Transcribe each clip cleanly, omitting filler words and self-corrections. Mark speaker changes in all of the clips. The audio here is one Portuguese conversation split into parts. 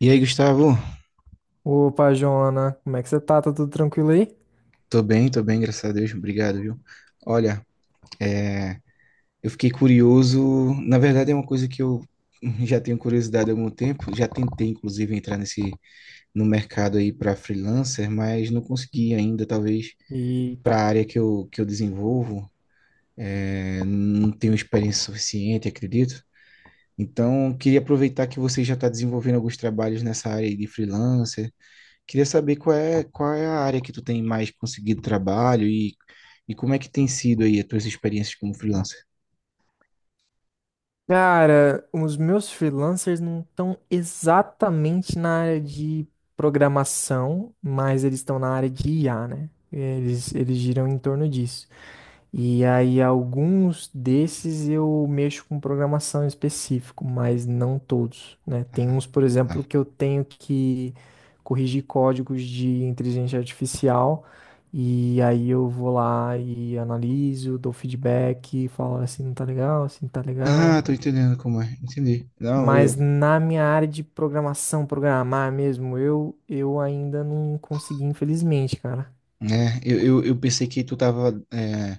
Speaker 1: E aí, Gustavo?
Speaker 2: Opa, Joana, como é que você tá? Tá tudo tranquilo aí?
Speaker 1: Tô bem, graças a Deus. Obrigado, viu? Olha, eu fiquei curioso. Na verdade, é uma coisa que eu já tenho curiosidade há algum tempo. Já tentei, inclusive, entrar nesse no mercado aí para freelancer, mas não consegui ainda. Talvez
Speaker 2: Eita.
Speaker 1: para a área que eu desenvolvo, não tenho experiência suficiente, acredito. Então, queria aproveitar que você já está desenvolvendo alguns trabalhos nessa área aí de freelancer. Queria saber qual é a área que tu tem mais conseguido trabalho e como é que tem sido aí as tuas experiências como freelancer.
Speaker 2: Cara, os meus freelancers não estão exatamente na área de programação, mas eles estão na área de IA, né? Eles giram em torno disso. E aí, alguns desses eu mexo com programação em específico, mas não todos, né? Tem
Speaker 1: Ah,
Speaker 2: uns, por exemplo,
Speaker 1: tá.
Speaker 2: que eu tenho que corrigir códigos de inteligência artificial, e aí eu vou lá e analiso, dou feedback, falo: "Ah, assim não tá legal, assim não tá legal."
Speaker 1: Ah, tô entendendo como é. Entendi. Não,
Speaker 2: Mas
Speaker 1: eu,
Speaker 2: na minha área de programação, programar mesmo, eu ainda não consegui, infelizmente, cara.
Speaker 1: né, eu pensei que tu tava é,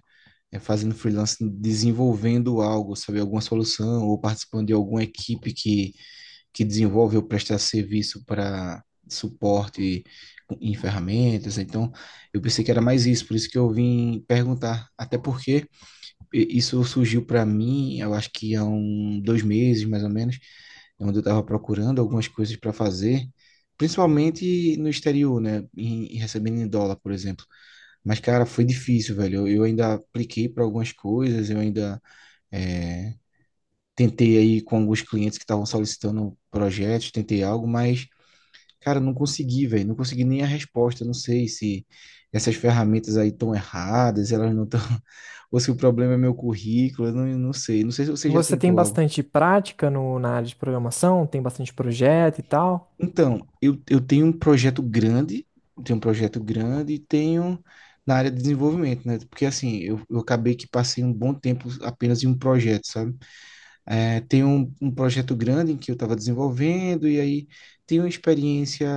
Speaker 1: é, fazendo freelance, desenvolvendo algo, sabe, alguma solução ou participando de alguma equipe que desenvolve ou presta serviço para suporte em ferramentas. Então, eu pensei que era mais isso, por isso que eu vim perguntar. Até porque isso surgiu para mim, eu acho que há um, dois meses, mais ou menos, onde eu estava procurando algumas coisas para fazer, principalmente no exterior, né? Em recebendo em dólar, por exemplo. Mas, cara, foi difícil, velho. Eu ainda apliquei para algumas coisas, eu ainda é, tentei aí com alguns clientes que estavam solicitando projetos, tentei algo, mas cara, não consegui, velho. Não consegui nem a resposta. Não sei se essas ferramentas aí estão erradas, elas não estão. Ou se o problema é meu currículo, eu não sei. Não sei se você já
Speaker 2: Você tem
Speaker 1: tentou algo.
Speaker 2: bastante prática no, na área de programação? Tem bastante projeto e tal?
Speaker 1: Então, eu tenho um projeto grande, tenho um projeto grande e tenho na área de desenvolvimento, né? Porque assim, eu acabei que passei um bom tempo apenas em um projeto, sabe? É, tem um projeto grande em que eu estava desenvolvendo, e aí tenho uma experiência.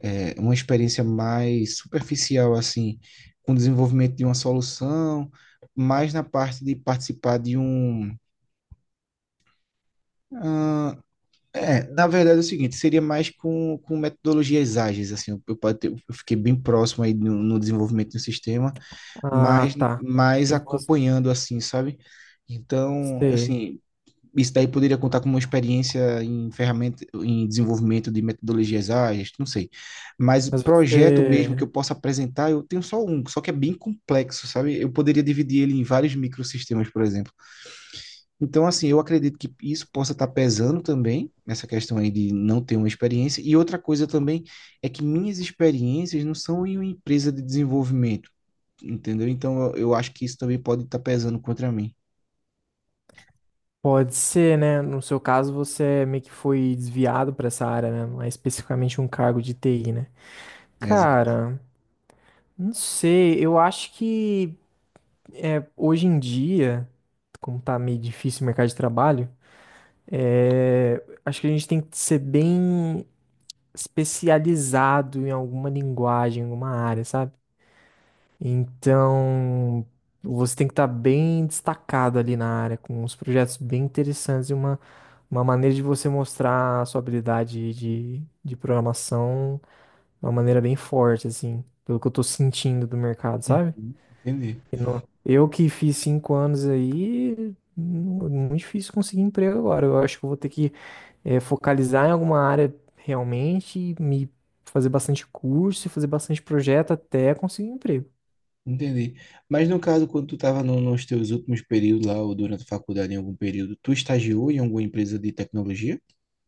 Speaker 1: Uma experiência mais superficial, assim, com o desenvolvimento de uma solução, mais na parte de participar de um. ah, Na verdade é o seguinte, seria mais com metodologias ágeis, assim, eu fiquei bem próximo aí no desenvolvimento do sistema,
Speaker 2: Ah,
Speaker 1: mas
Speaker 2: tá.
Speaker 1: mais
Speaker 2: E você,
Speaker 1: acompanhando, assim, sabe? Então, assim, isso daí poderia contar como uma experiência em ferramenta, em desenvolvimento de metodologias ágeis, não sei. Mas
Speaker 2: mas
Speaker 1: projeto mesmo que
Speaker 2: você
Speaker 1: eu possa apresentar, eu tenho só um, só que é bem complexo, sabe? Eu poderia dividir ele em vários microsistemas, por exemplo. Então, assim, eu acredito que isso possa estar pesando também, nessa questão aí de não ter uma experiência. E outra coisa também é que minhas experiências não são em uma empresa de desenvolvimento, entendeu? Então, eu acho que isso também pode estar pesando contra mim.
Speaker 2: pode ser, né? No seu caso, você é meio que foi desviado para essa área, né? Mais especificamente um cargo de TI, né?
Speaker 1: Exato.
Speaker 2: Cara, não sei. Eu acho que hoje em dia, como tá meio difícil o mercado de trabalho, é, acho que a gente tem que ser bem especializado em alguma linguagem, em alguma área, sabe? Então, você tem que estar bem destacado ali na área, com uns projetos bem interessantes e uma maneira de você mostrar a sua habilidade de programação de uma maneira bem forte, assim, pelo que eu tô sentindo do mercado, sabe?
Speaker 1: Uhum, entendi.
Speaker 2: Eu que fiz 5 anos aí, muito difícil conseguir emprego agora. Eu acho que eu vou ter que focalizar em alguma área realmente, e me fazer bastante curso e fazer bastante projeto até conseguir um emprego.
Speaker 1: Entendi. Mas no caso, quando tu estava nos teus últimos períodos lá, ou durante a faculdade, em algum período, tu estagiou em alguma empresa de tecnologia?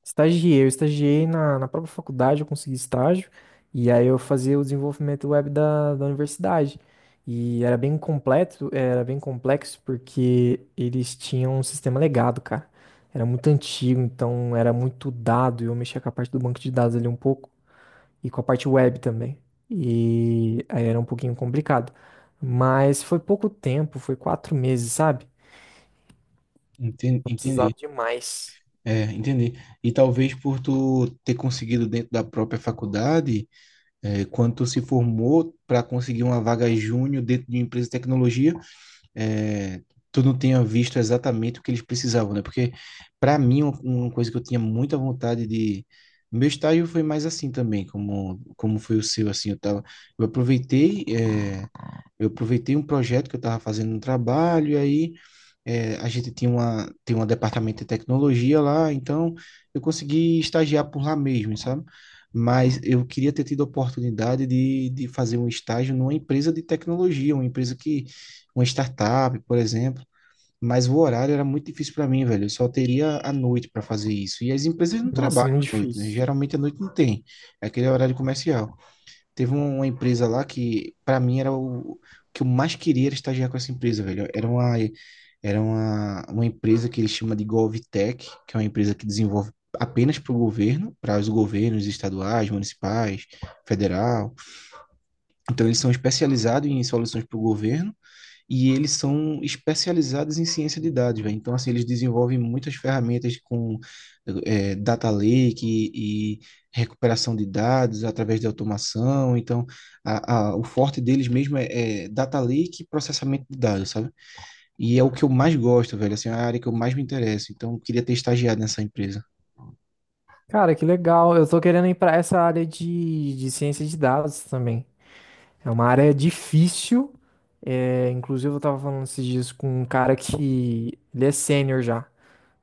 Speaker 2: Estagiei. Eu estagiei na própria faculdade, eu consegui estágio, e aí eu fazia o desenvolvimento web da universidade. E era bem completo, era bem complexo, porque eles tinham um sistema legado, cara. Era muito antigo, então era muito dado, e eu mexia com a parte do banco de dados ali um pouco, e com a parte web também. E aí era um pouquinho complicado. Mas foi pouco tempo, foi 4 meses, sabe?
Speaker 1: Entendi.
Speaker 2: Eu
Speaker 1: Entendi.
Speaker 2: precisava de mais.
Speaker 1: É, entendi. E talvez por tu ter conseguido dentro da própria faculdade, quando tu se formou para conseguir uma vaga júnior dentro de uma empresa de tecnologia, é, tu não tenha visto exatamente o que eles precisavam, né? Porque, para mim, uma coisa que eu tinha muita vontade de. Meu estágio foi mais assim também, como foi o seu, assim, eu tava, eu aproveitei, eu aproveitei um projeto que eu estava fazendo no trabalho, e aí a gente tinha uma, tem um departamento de tecnologia lá, então eu consegui estagiar por lá mesmo, sabe? Mas eu queria ter tido a oportunidade de fazer um estágio numa empresa de tecnologia, uma empresa que, uma startup, por exemplo. Mas o horário era muito difícil para mim, velho. Eu só teria a noite para fazer isso. E as empresas não
Speaker 2: Nossa,
Speaker 1: trabalham
Speaker 2: muito
Speaker 1: à noite, né?
Speaker 2: difícil.
Speaker 1: Geralmente à noite não tem. É aquele horário comercial. Teve uma empresa lá que, pra mim, era o que eu mais queria era estagiar com essa empresa, velho. Uma empresa que eles chamam de GovTech, que é uma empresa que desenvolve apenas para o governo, para os governos estaduais, municipais, federal. Então, eles são especializados em soluções para o governo e eles são especializados em ciência de dados, velho. Então, assim, eles desenvolvem muitas ferramentas com data lake e recuperação de dados através de automação. Então, o forte deles mesmo é data lake e processamento de dados, sabe? E é o que eu mais gosto, velho. Assim, é a área que eu mais me interesso. Então, eu queria ter estagiado nessa empresa.
Speaker 2: Cara, que legal. Eu tô querendo ir pra essa área de ciência de dados também. É uma área difícil. É, inclusive, eu tava falando esses dias com um cara que ele é sênior já.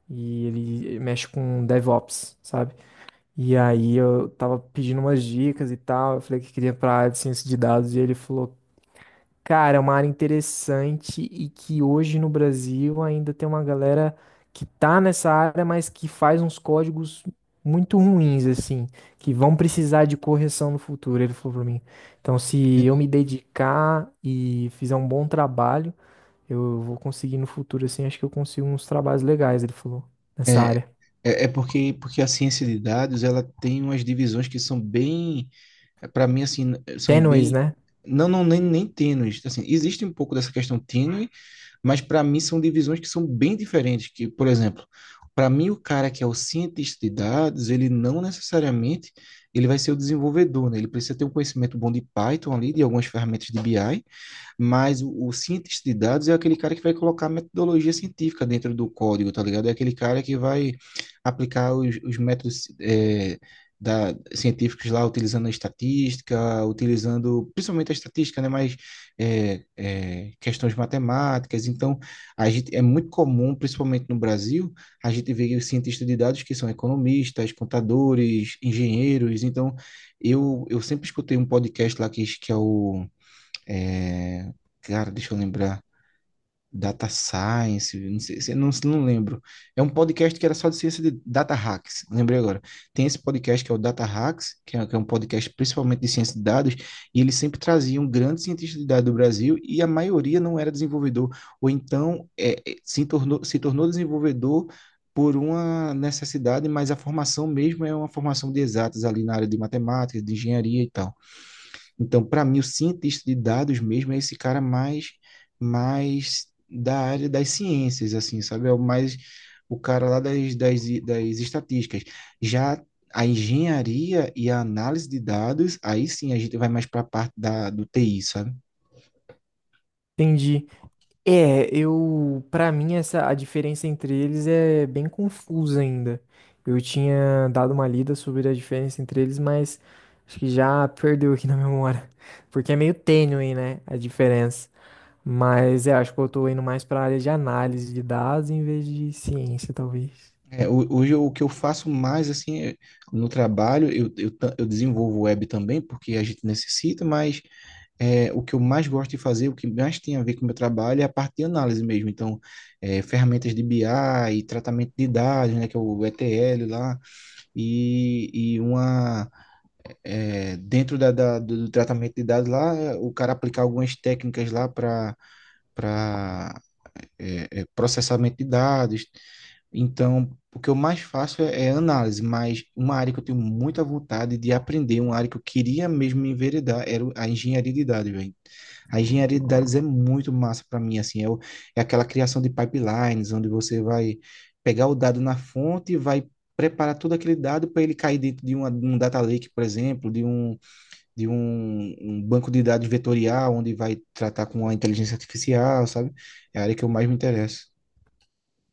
Speaker 2: E ele mexe com DevOps, sabe? E aí eu tava pedindo umas dicas e tal. Eu falei que queria ir pra área de ciência de dados. E ele falou: "Cara, é uma área interessante e que hoje no Brasil ainda tem uma galera que tá nessa área, mas que faz uns códigos muito ruins, assim, que vão precisar de correção no futuro", ele falou pra mim. Então, se eu me dedicar e fizer um bom trabalho, eu vou conseguir no futuro, assim, acho que eu consigo uns trabalhos legais, ele falou, nessa
Speaker 1: É,
Speaker 2: área.
Speaker 1: é porque, porque a ciência de dados, ela tem umas divisões que são bem para mim, assim, são
Speaker 2: Tênues,
Speaker 1: bem.
Speaker 2: né?
Speaker 1: Não, não, nem tênues. Assim, existe um pouco dessa questão tênue, mas para mim são divisões que são bem diferentes. Que, por exemplo, para mim, o cara que é o cientista de dados, ele não necessariamente ele vai ser o desenvolvedor, né? Ele precisa ter um conhecimento bom de Python ali, de algumas ferramentas de BI, mas o cientista de dados é aquele cara que vai colocar metodologia científica dentro do código, tá ligado? É aquele cara que vai aplicar os métodos científicos lá, utilizando a estatística, utilizando principalmente a estatística, né? Mas questões matemáticas. Então, a gente, é muito comum, principalmente no Brasil, a gente vê os cientistas de dados que são economistas, contadores, engenheiros. Então, eu sempre escutei um podcast lá que é o é, cara, deixa eu lembrar. Data Science, não sei, não, não lembro. É um podcast que era só de ciência de data hacks, lembrei agora. Tem esse podcast que é o Data Hacks, que é um podcast principalmente de ciência de dados, e eles sempre traziam grandes cientistas de dados do Brasil, e a maioria não era desenvolvedor, ou então se tornou, se tornou desenvolvedor por uma necessidade, mas a formação mesmo é uma formação de exatas ali na área de matemática, de engenharia e tal. Então, para mim, o cientista de dados mesmo é esse cara mais, mais da área das ciências, assim, sabe? É o mais o cara lá das estatísticas. Já a engenharia e a análise de dados, aí sim a gente vai mais para a parte da, do TI, sabe?
Speaker 2: Entendi. É, pra mim essa a diferença entre eles é bem confusa ainda. Eu tinha dado uma lida sobre a diferença entre eles, mas acho que já perdeu aqui na memória, porque é meio tênue, né, a diferença. Mas é, acho que eu tô indo mais pra área de análise de dados em vez de ciência, talvez.
Speaker 1: É, hoje o que eu faço mais, assim, é, no trabalho, eu desenvolvo web também, porque a gente necessita, mas o que eu mais gosto de fazer, o que mais tem a ver com o meu trabalho é a parte de análise mesmo. Então, ferramentas de BI e tratamento de dados, né, que é o ETL lá, e, e uma dentro tratamento de dados lá, o cara aplicar algumas técnicas lá para para processamento de dados. Então, o que eu mais faço é análise, mas uma área que eu tenho muita vontade de aprender, uma área que eu queria mesmo me enveredar, era a engenharia de dados, velho. A engenharia de dados é muito massa para mim, assim, é aquela criação de pipelines, onde você vai pegar o dado na fonte e vai preparar todo aquele dado para ele cair dentro de uma, de um data lake, por exemplo, de um, um banco de dados vetorial, onde vai tratar com a inteligência artificial, sabe? É a área que eu mais me interesso.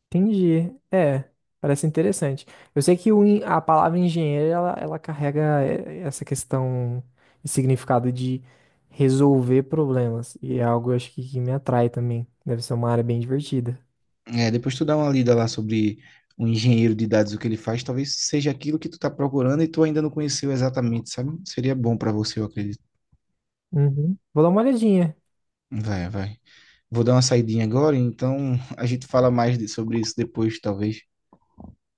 Speaker 2: Entendi. É, parece interessante. Eu sei que a palavra engenheiro, ela carrega essa questão e significado de resolver problemas. E é algo, eu acho que me atrai também. Deve ser uma área bem divertida.
Speaker 1: É, depois tu dá uma lida lá sobre o engenheiro de dados, o que ele faz, talvez seja aquilo que tu tá procurando e tu ainda não conheceu exatamente, sabe? Seria bom para você, eu acredito.
Speaker 2: Uhum. Vou dar uma olhadinha.
Speaker 1: Vai, vai. Vou dar uma saidinha agora, então a gente fala mais sobre isso depois, talvez.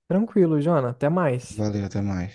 Speaker 2: Tranquilo, Jona. Até mais.
Speaker 1: Valeu, até mais.